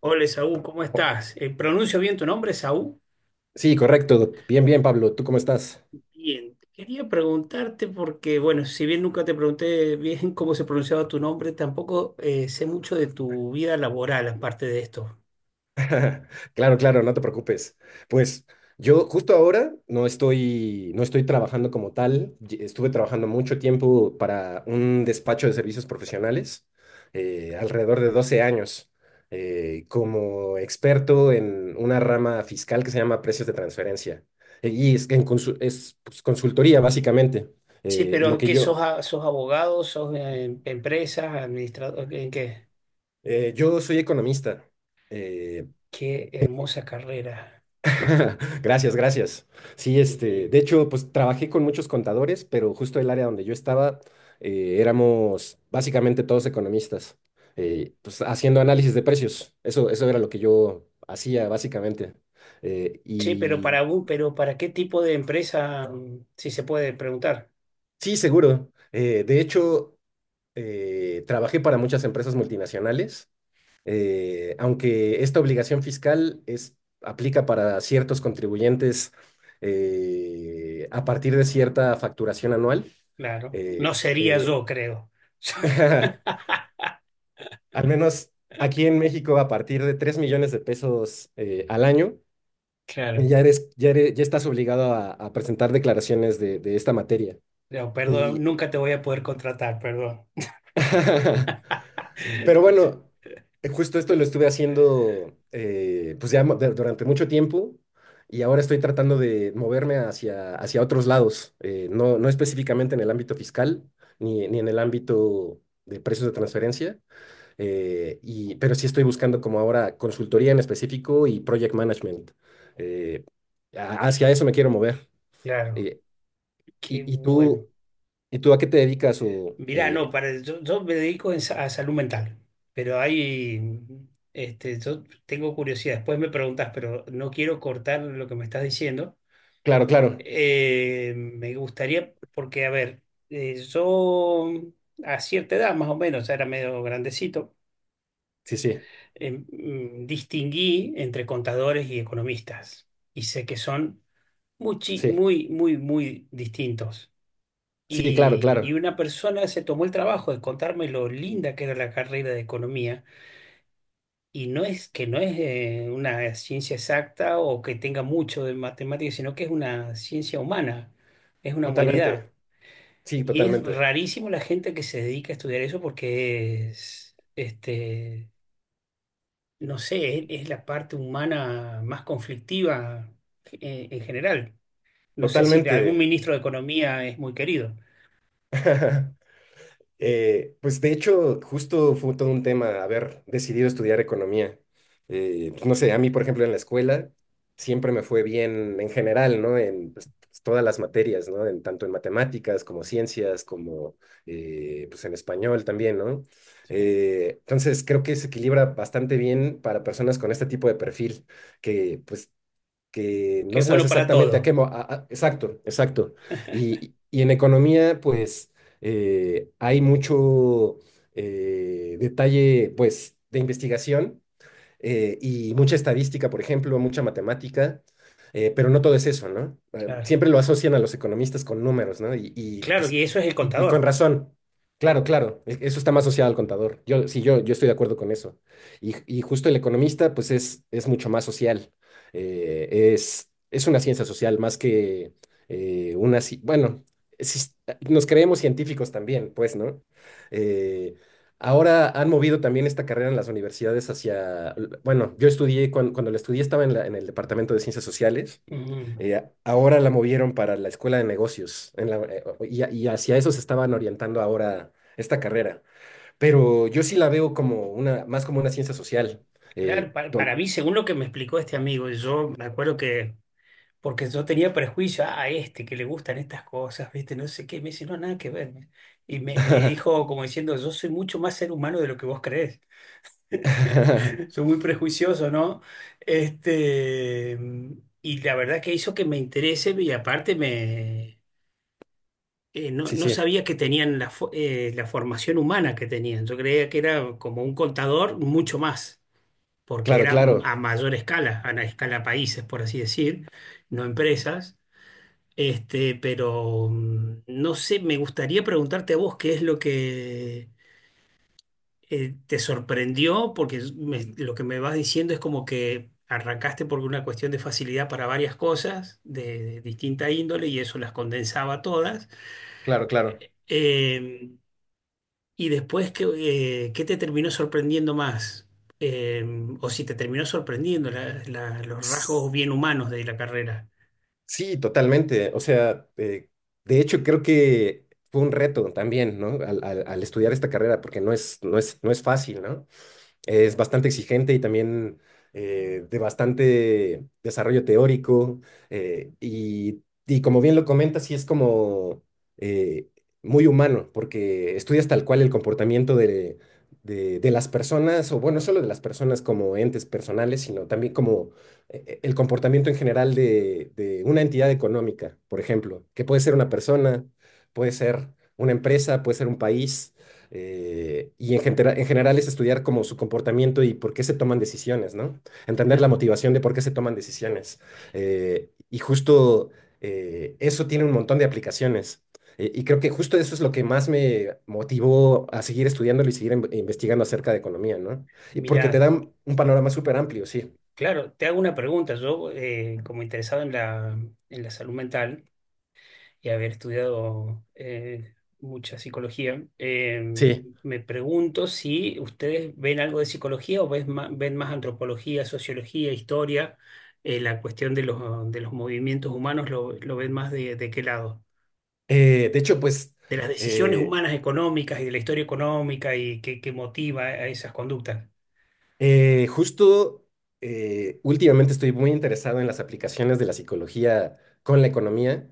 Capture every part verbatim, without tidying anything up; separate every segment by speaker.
Speaker 1: Hola, Saúl, ¿cómo
Speaker 2: Oh,
Speaker 1: estás? Eh, ¿pronuncio bien tu nombre, Saúl?
Speaker 2: sí, correcto. Bien, bien, Pablo. ¿Tú cómo estás?
Speaker 1: Bien. Quería preguntarte porque, bueno, si bien nunca te pregunté bien cómo se pronunciaba tu nombre, tampoco eh, sé mucho de tu vida laboral aparte de esto.
Speaker 2: Claro, claro, no te preocupes. Pues yo justo ahora no estoy, no estoy trabajando como tal. Ye- Estuve trabajando mucho tiempo para un despacho de servicios profesionales, eh, alrededor de doce años, eh, como experto en una rama fiscal que se llama precios de transferencia. Eh, Y es, que en consu- es, pues, consultoría, básicamente.
Speaker 1: Sí,
Speaker 2: Eh, lo
Speaker 1: pero
Speaker 2: que
Speaker 1: ¿qué sos,
Speaker 2: yo,
Speaker 1: a- sos abogado, sos eh, empresa, administrador? ¿Qué, qué-
Speaker 2: eh, yo soy economista. eh,
Speaker 1: qué hermosa carrera.
Speaker 2: Gracias, gracias. Sí, este,
Speaker 1: Eh,
Speaker 2: de hecho, pues trabajé con muchos contadores, pero justo el área donde yo estaba, eh, éramos básicamente todos economistas, eh, pues haciendo análisis de precios. Eso, eso era lo que yo hacía básicamente. Eh,
Speaker 1: sí, pero
Speaker 2: y
Speaker 1: para, un- pero ¿para qué tipo de empresa, mm, si se puede preguntar?
Speaker 2: sí, seguro. Eh, de hecho, eh, trabajé para muchas empresas multinacionales, eh, aunque esta obligación fiscal es, aplica para ciertos contribuyentes eh, a partir de cierta facturación anual.
Speaker 1: Claro. No
Speaker 2: eh,
Speaker 1: sería
Speaker 2: eh,
Speaker 1: yo, creo.
Speaker 2: Al menos aquí en México, a partir de tres millones de pesos eh, al año,
Speaker 1: Claro.
Speaker 2: ya eres, ya eres- ya estás obligado a, a presentar declaraciones de, de esta materia.
Speaker 1: No, perdón,
Speaker 2: Y
Speaker 1: nunca te voy a poder contratar, perdón.
Speaker 2: Pero bueno, eh, justo esto lo estuve haciendo, eh, pues ya mo- de- durante mucho tiempo, y ahora estoy tratando de moverme hacia, hacia otros lados, eh, no, no específicamente en el ámbito fiscal ni, ni en el ámbito de precios de transferencia, eh, y, pero sí estoy buscando como ahora consultoría en específico y project management. eh, a- Hacia eso me quiero mover.
Speaker 1: Claro,
Speaker 2: Eh,
Speaker 1: qué
Speaker 2: y, y
Speaker 1: bueno.
Speaker 2: tú, ¿Y tú a qué te dedicas? O,
Speaker 1: Mirá, no,
Speaker 2: eh,
Speaker 1: para, yo, yo me dedico en sa- a salud mental, pero hay, este, yo tengo curiosidad, después me preguntas, pero no quiero cortar lo que me estás diciendo.
Speaker 2: claro, claro,
Speaker 1: Eh, me gustaría, porque, a ver, eh, yo a cierta edad, más o menos, ya era medio grandecito,
Speaker 2: sí, sí,
Speaker 1: eh, mm, distinguí entre contadores y economistas, y sé que son muchi-
Speaker 2: sí,
Speaker 1: muy, muy, muy distintos.
Speaker 2: sí, claro,
Speaker 1: Y, y
Speaker 2: claro.
Speaker 1: una persona se tomó el trabajo de contarme lo linda que era la carrera de economía. Y no es que no es eh, una ciencia exacta o que tenga mucho de matemáticas, sino que es una ciencia humana, es una
Speaker 2: Totalmente,
Speaker 1: humanidad.
Speaker 2: sí,
Speaker 1: Y es
Speaker 2: totalmente,
Speaker 1: rarísimo la gente que se dedica a estudiar eso porque es, este, no sé, es, es la parte humana más conflictiva eh, en general. No sé si algún
Speaker 2: totalmente.
Speaker 1: ministro de Economía es muy querido.
Speaker 2: Eh, pues de hecho, justo fue todo un tema haber decidido estudiar economía. Eh, pues no sé, a mí, por ejemplo, en la escuela siempre me fue bien en general, ¿no? En, pues, todas las materias, ¿no? En, tanto en matemáticas como ciencias, como eh, pues en español también, ¿no?
Speaker 1: Sí.
Speaker 2: Eh, entonces, creo que se equilibra bastante bien para personas con este tipo de perfil, que pues que
Speaker 1: Que
Speaker 2: no
Speaker 1: es
Speaker 2: sabes
Speaker 1: bueno para
Speaker 2: exactamente a qué
Speaker 1: todo.
Speaker 2: mo- a- a- exacto, exacto. Y, y en economía, pues eh, hay mucho eh, detalle, pues, de investigación, eh, y mucha estadística, por ejemplo, mucha matemática, eh, pero no todo es eso, ¿no? Eh,
Speaker 1: Claro.
Speaker 2: siempre lo asocian a los economistas con números, ¿no? Y, y,
Speaker 1: Claro,
Speaker 2: pues,
Speaker 1: y eso es el
Speaker 2: y, y con
Speaker 1: contador.
Speaker 2: razón. Claro, claro, e- eso está más asociado al contador. Yo, sí, yo, yo estoy de acuerdo con eso. Y, y justo el economista, pues es, es mucho más social. Eh, es, es una ciencia social más que eh, una... ci- Bueno, sí, nos creemos científicos también, pues, ¿no? Eh, Ahora han movido también esta carrera en las universidades hacia, bueno, yo estudié, cuan- cuando, la estudié, estaba en, la- en el Departamento de Ciencias Sociales,
Speaker 1: Mm.
Speaker 2: eh, ahora la movieron para la Escuela de Negocios en la- eh, o- y, a- y hacia eso se estaban orientando ahora esta carrera, pero yo sí la veo como una, más como una ciencia social. eh,
Speaker 1: Claro, para, para
Speaker 2: ton-
Speaker 1: mí, según lo que me explicó este amigo, yo me acuerdo que, porque yo tenía prejuicio, ah, a este que le gustan estas cosas, viste, no sé qué, me dice, no, nada que ver. Y me, me dijo como diciendo, yo soy mucho más ser humano de lo que vos crees. Soy muy prejuicioso, ¿no? Este, y la verdad que hizo que me interese y aparte me... eh, no,
Speaker 2: Sí,
Speaker 1: no
Speaker 2: sí,
Speaker 1: sabía que tenían la, fo- eh, la formación humana que tenían. Yo creía que era como un contador mucho más, porque
Speaker 2: claro,
Speaker 1: era m- a
Speaker 2: claro,
Speaker 1: mayor escala, a la escala países, por así decir, no empresas. Este, pero mm, no sé, me gustaría preguntarte a vos qué es lo que eh, te sorprendió, porque es- me- lo que me vas diciendo es como que arrancaste por una cuestión de facilidad para varias cosas de de distinta índole y eso las condensaba todas.
Speaker 2: claro, claro.
Speaker 1: Em. Y después, ¿qué, eh, qué te terminó sorprendiendo más? Eh, o si te terminó sorprendiendo la- la- los rasgos bien humanos de la carrera.
Speaker 2: Sí, totalmente. O sea, eh, de hecho creo que fue un reto también, ¿no? Al, al- al estudiar esta carrera, porque no es, no es, no es fácil, ¿no? Es bastante exigente y también eh, de bastante desarrollo teórico. Eh, y, y como bien lo comentas, sí es como eh, muy humano, porque estudias tal cual el comportamiento de, de, de las personas, o bueno, no solo de las personas como entes personales, sino también como eh, eh, el comportamiento en general de, de una entidad económica, por ejemplo, que puede ser una persona, puede ser una empresa, puede ser un país. Eh, y en, genera- en general es estudiar como su comportamiento y por qué se toman decisiones, ¿no? Entender la
Speaker 1: Claro.
Speaker 2: motivación de por qué se toman decisiones. Eh, y justo eh, Eso tiene un montón de aplicaciones. Eh, y creo que justo eso es lo que más me motivó a seguir estudiándolo y seguir in- investigando acerca de economía, ¿no? Y porque te
Speaker 1: Mirá,
Speaker 2: dan un panorama súper amplio, sí.
Speaker 1: claro, te hago una pregunta. Yo, eh, como interesado en la, en la salud mental y haber estudiado eh, mucha psicología, eh,
Speaker 2: Sí.
Speaker 1: me pregunto si ustedes ven algo de psicología o ves ma- ven más antropología, sociología, historia, eh, la cuestión de los, de los movimientos humanos, ¿lo, lo ven más de, de qué lado?
Speaker 2: Eh, de hecho, pues...
Speaker 1: De las decisiones
Speaker 2: eh,
Speaker 1: humanas económicas y de la historia económica y que, que motiva a esas conductas.
Speaker 2: Eh, justo eh, Últimamente estoy muy interesado en las aplicaciones de la psicología con la economía.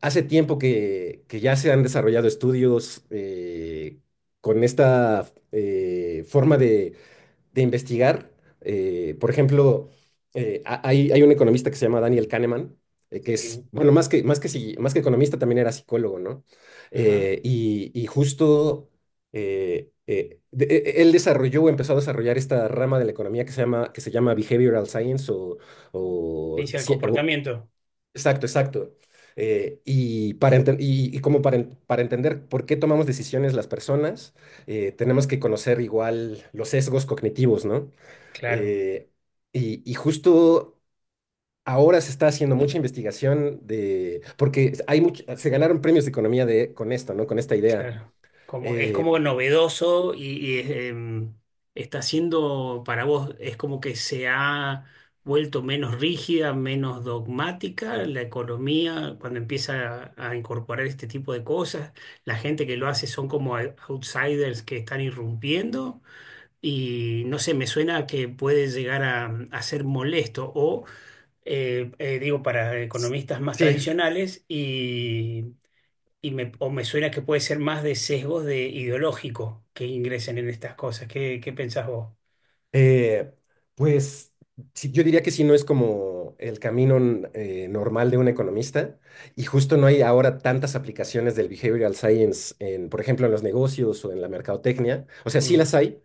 Speaker 2: Hace tiempo que, que ya se han desarrollado estudios, eh, con esta, eh, forma de investigar. Eh, por ejemplo, eh, ha- hay, hay un economista que se llama Daniel Kahneman, eh, que es,
Speaker 1: Sí.
Speaker 2: bueno, más que, más que, psiqui- más que economista también era psicólogo, ¿no?
Speaker 1: Ajá.
Speaker 2: Eh, y, y justo eh, eh, de- e- Él desarrolló o empezó a desarrollar esta rama de la economía que se llama, que se llama behavioral science o, o
Speaker 1: Ciencia del
Speaker 2: ci- o
Speaker 1: comportamiento.
Speaker 2: Exacto, exacto. Eh, y, para enten- y, y como para, en- para entender por qué tomamos decisiones las personas, eh, tenemos que conocer igual los sesgos cognitivos, ¿no?
Speaker 1: Claro,
Speaker 2: Eh, y, y justo Ahora se está haciendo mucha investigación de, porque hay much- se ganaron premios de economía de, con esto, ¿no? Con esta idea.
Speaker 1: claro. Como, es
Speaker 2: Eh,
Speaker 1: como novedoso y, y em, está siendo para vos, es como que se ha vuelto menos rígida, menos dogmática la economía cuando empieza a, a incorporar este tipo de cosas. La gente que lo hace son como outsiders que están irrumpiendo. Y no sé, me suena que puede llegar a, a ser molesto o, eh, eh, digo, para economistas más
Speaker 2: sí.
Speaker 1: tradicionales y, y me, o me suena que puede ser más de sesgos de ideológico que ingresen en estas cosas. ¿Qué, qué pensás vos?
Speaker 2: Eh, pues sí, yo diría que sí, no es como el camino n- eh, normal de un economista, y justo no hay ahora tantas aplicaciones del behavioral science en, por ejemplo, en los negocios o en la mercadotecnia. O sea, sí
Speaker 1: Mm,
Speaker 2: las hay,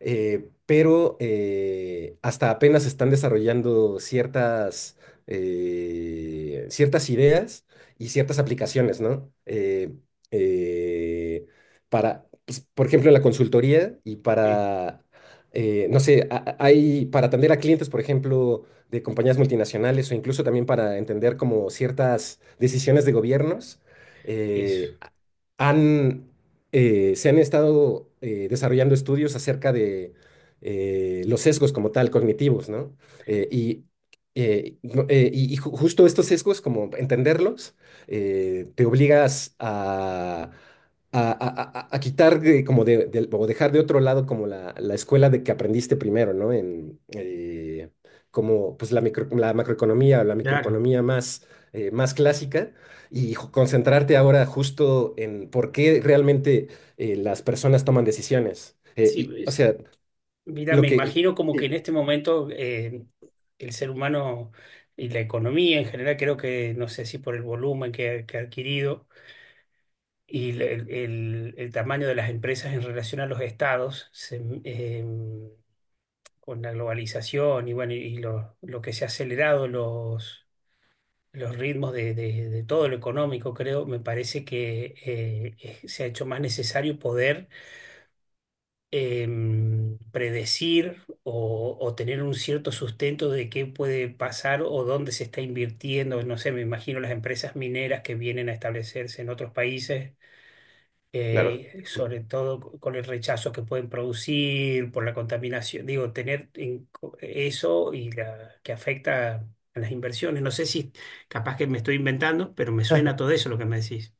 Speaker 2: eh, pero eh, hasta apenas están desarrollando ciertas, eh, ciertas ideas y ciertas aplicaciones, ¿no? Eh, eh, para, pues, por ejemplo, en la consultoría y
Speaker 1: sí,
Speaker 2: para, eh, no sé, a- a- hay para atender a clientes, por ejemplo, de compañías multinacionales o incluso también para entender como ciertas decisiones de gobiernos.
Speaker 1: eso.
Speaker 2: eh, han, eh, Se han estado, eh, desarrollando estudios acerca de eh, los sesgos como tal, cognitivos, ¿no? Eh, y, eh, no- eh, y- y ju- Justo estos sesgos, como entenderlos, eh, te obligas a a, a- a- a quitar, eh, como de, del- o dejar de otro lado como la, la escuela de que aprendiste primero, ¿no? En, eh, como pues la, micro- la macroeconomía, la
Speaker 1: Claro.
Speaker 2: microeconomía más, eh, más clásica, y ju- concentrarte ahora justo en por qué realmente eh, las personas toman decisiones. Eh,
Speaker 1: Sí,
Speaker 2: y, o
Speaker 1: es-
Speaker 2: sea,
Speaker 1: mira,
Speaker 2: lo
Speaker 1: me
Speaker 2: que...
Speaker 1: imagino como que
Speaker 2: eh,
Speaker 1: en este momento eh, el ser humano y la economía en general, creo que, no sé si por el volumen que que ha adquirido, y el, el- el- tamaño de las empresas en relación a los estados se- em, con la globalización y bueno, y lo, lo que se ha acelerado los, los ritmos de, de- de todo lo económico, creo, me parece que eh, es- se ha hecho más necesario poder em, predecir o, o tener un cierto sustento de qué puede pasar o dónde se está invirtiendo. No sé, me imagino las empresas mineras que vienen a establecerse en otros países
Speaker 2: claro.
Speaker 1: eh, sobre todo con el rechazo que pueden producir por la contaminación. Digo, tener en co- eso y la, que afecta a las inversiones. No sé si capaz que me estoy inventando, pero me suena todo eso lo que me decís.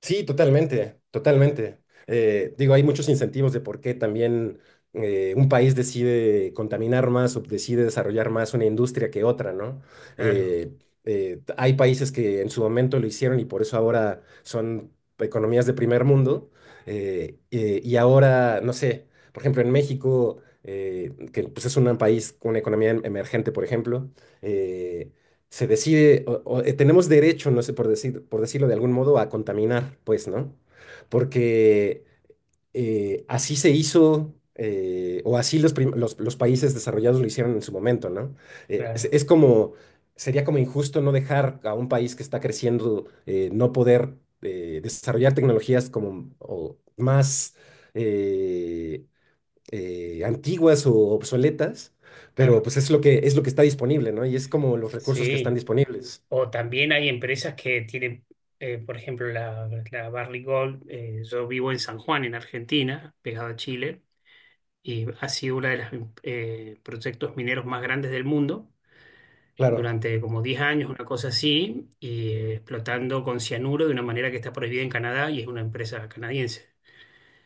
Speaker 2: Sí, totalmente, totalmente. Eh, digo, hay muchos incentivos de por qué también eh, un país decide contaminar más o decide desarrollar más una industria que otra, ¿no?
Speaker 1: Claro,
Speaker 2: Eh, eh, t- Hay países que en su momento lo hicieron y por eso ahora son economías de primer mundo. Eh, eh, y ahora, no sé, por ejemplo, en México, eh, que pues, es un país con una economía em- emergente, por ejemplo, eh, se decide, o- o, eh, tenemos derecho, no sé, por decir, por decirlo de algún modo, a contaminar, pues, ¿no? Porque eh, así se hizo, eh, o así los, prim- los, los países desarrollados lo hicieron en su momento, ¿no? Eh, es,
Speaker 1: claro,
Speaker 2: es como, sería como injusto no dejar a un país que está creciendo, eh, no poder eh, desarrollar tecnologías como o más... eh, eh, antiguas o obsoletas, pero
Speaker 1: claro.
Speaker 2: pues es lo que es lo que está disponible, ¿no? Y es como los recursos que están
Speaker 1: Sí.
Speaker 2: disponibles.
Speaker 1: O también hay empresas que tienen, eh, por ejemplo, la, la Barrick Gold. Eh, yo vivo en San Juan, en Argentina, pegado a Chile, y ha sido uno de los proyectos mineros más grandes del mundo
Speaker 2: Claro,
Speaker 1: durante como diez años, una cosa así, y eh, explotando con cianuro de una manera que está prohibida en Canadá y es una empresa canadiense.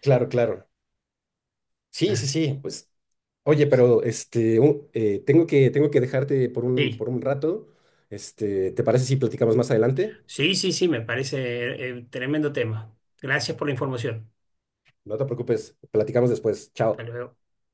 Speaker 2: claro, claro. Sí, sí,
Speaker 1: Así-
Speaker 2: sí, pues. Oye, pero este u- eh, tengo que tengo que dejarte por un
Speaker 1: sí,
Speaker 2: por un rato. Este, ¿te parece si platicamos más adelante?
Speaker 1: sí, sí, sí, me parece eh, tremendo tema. Gracias por la información.
Speaker 2: No te preocupes, platicamos después.
Speaker 1: Hasta
Speaker 2: Chao.
Speaker 1: luego.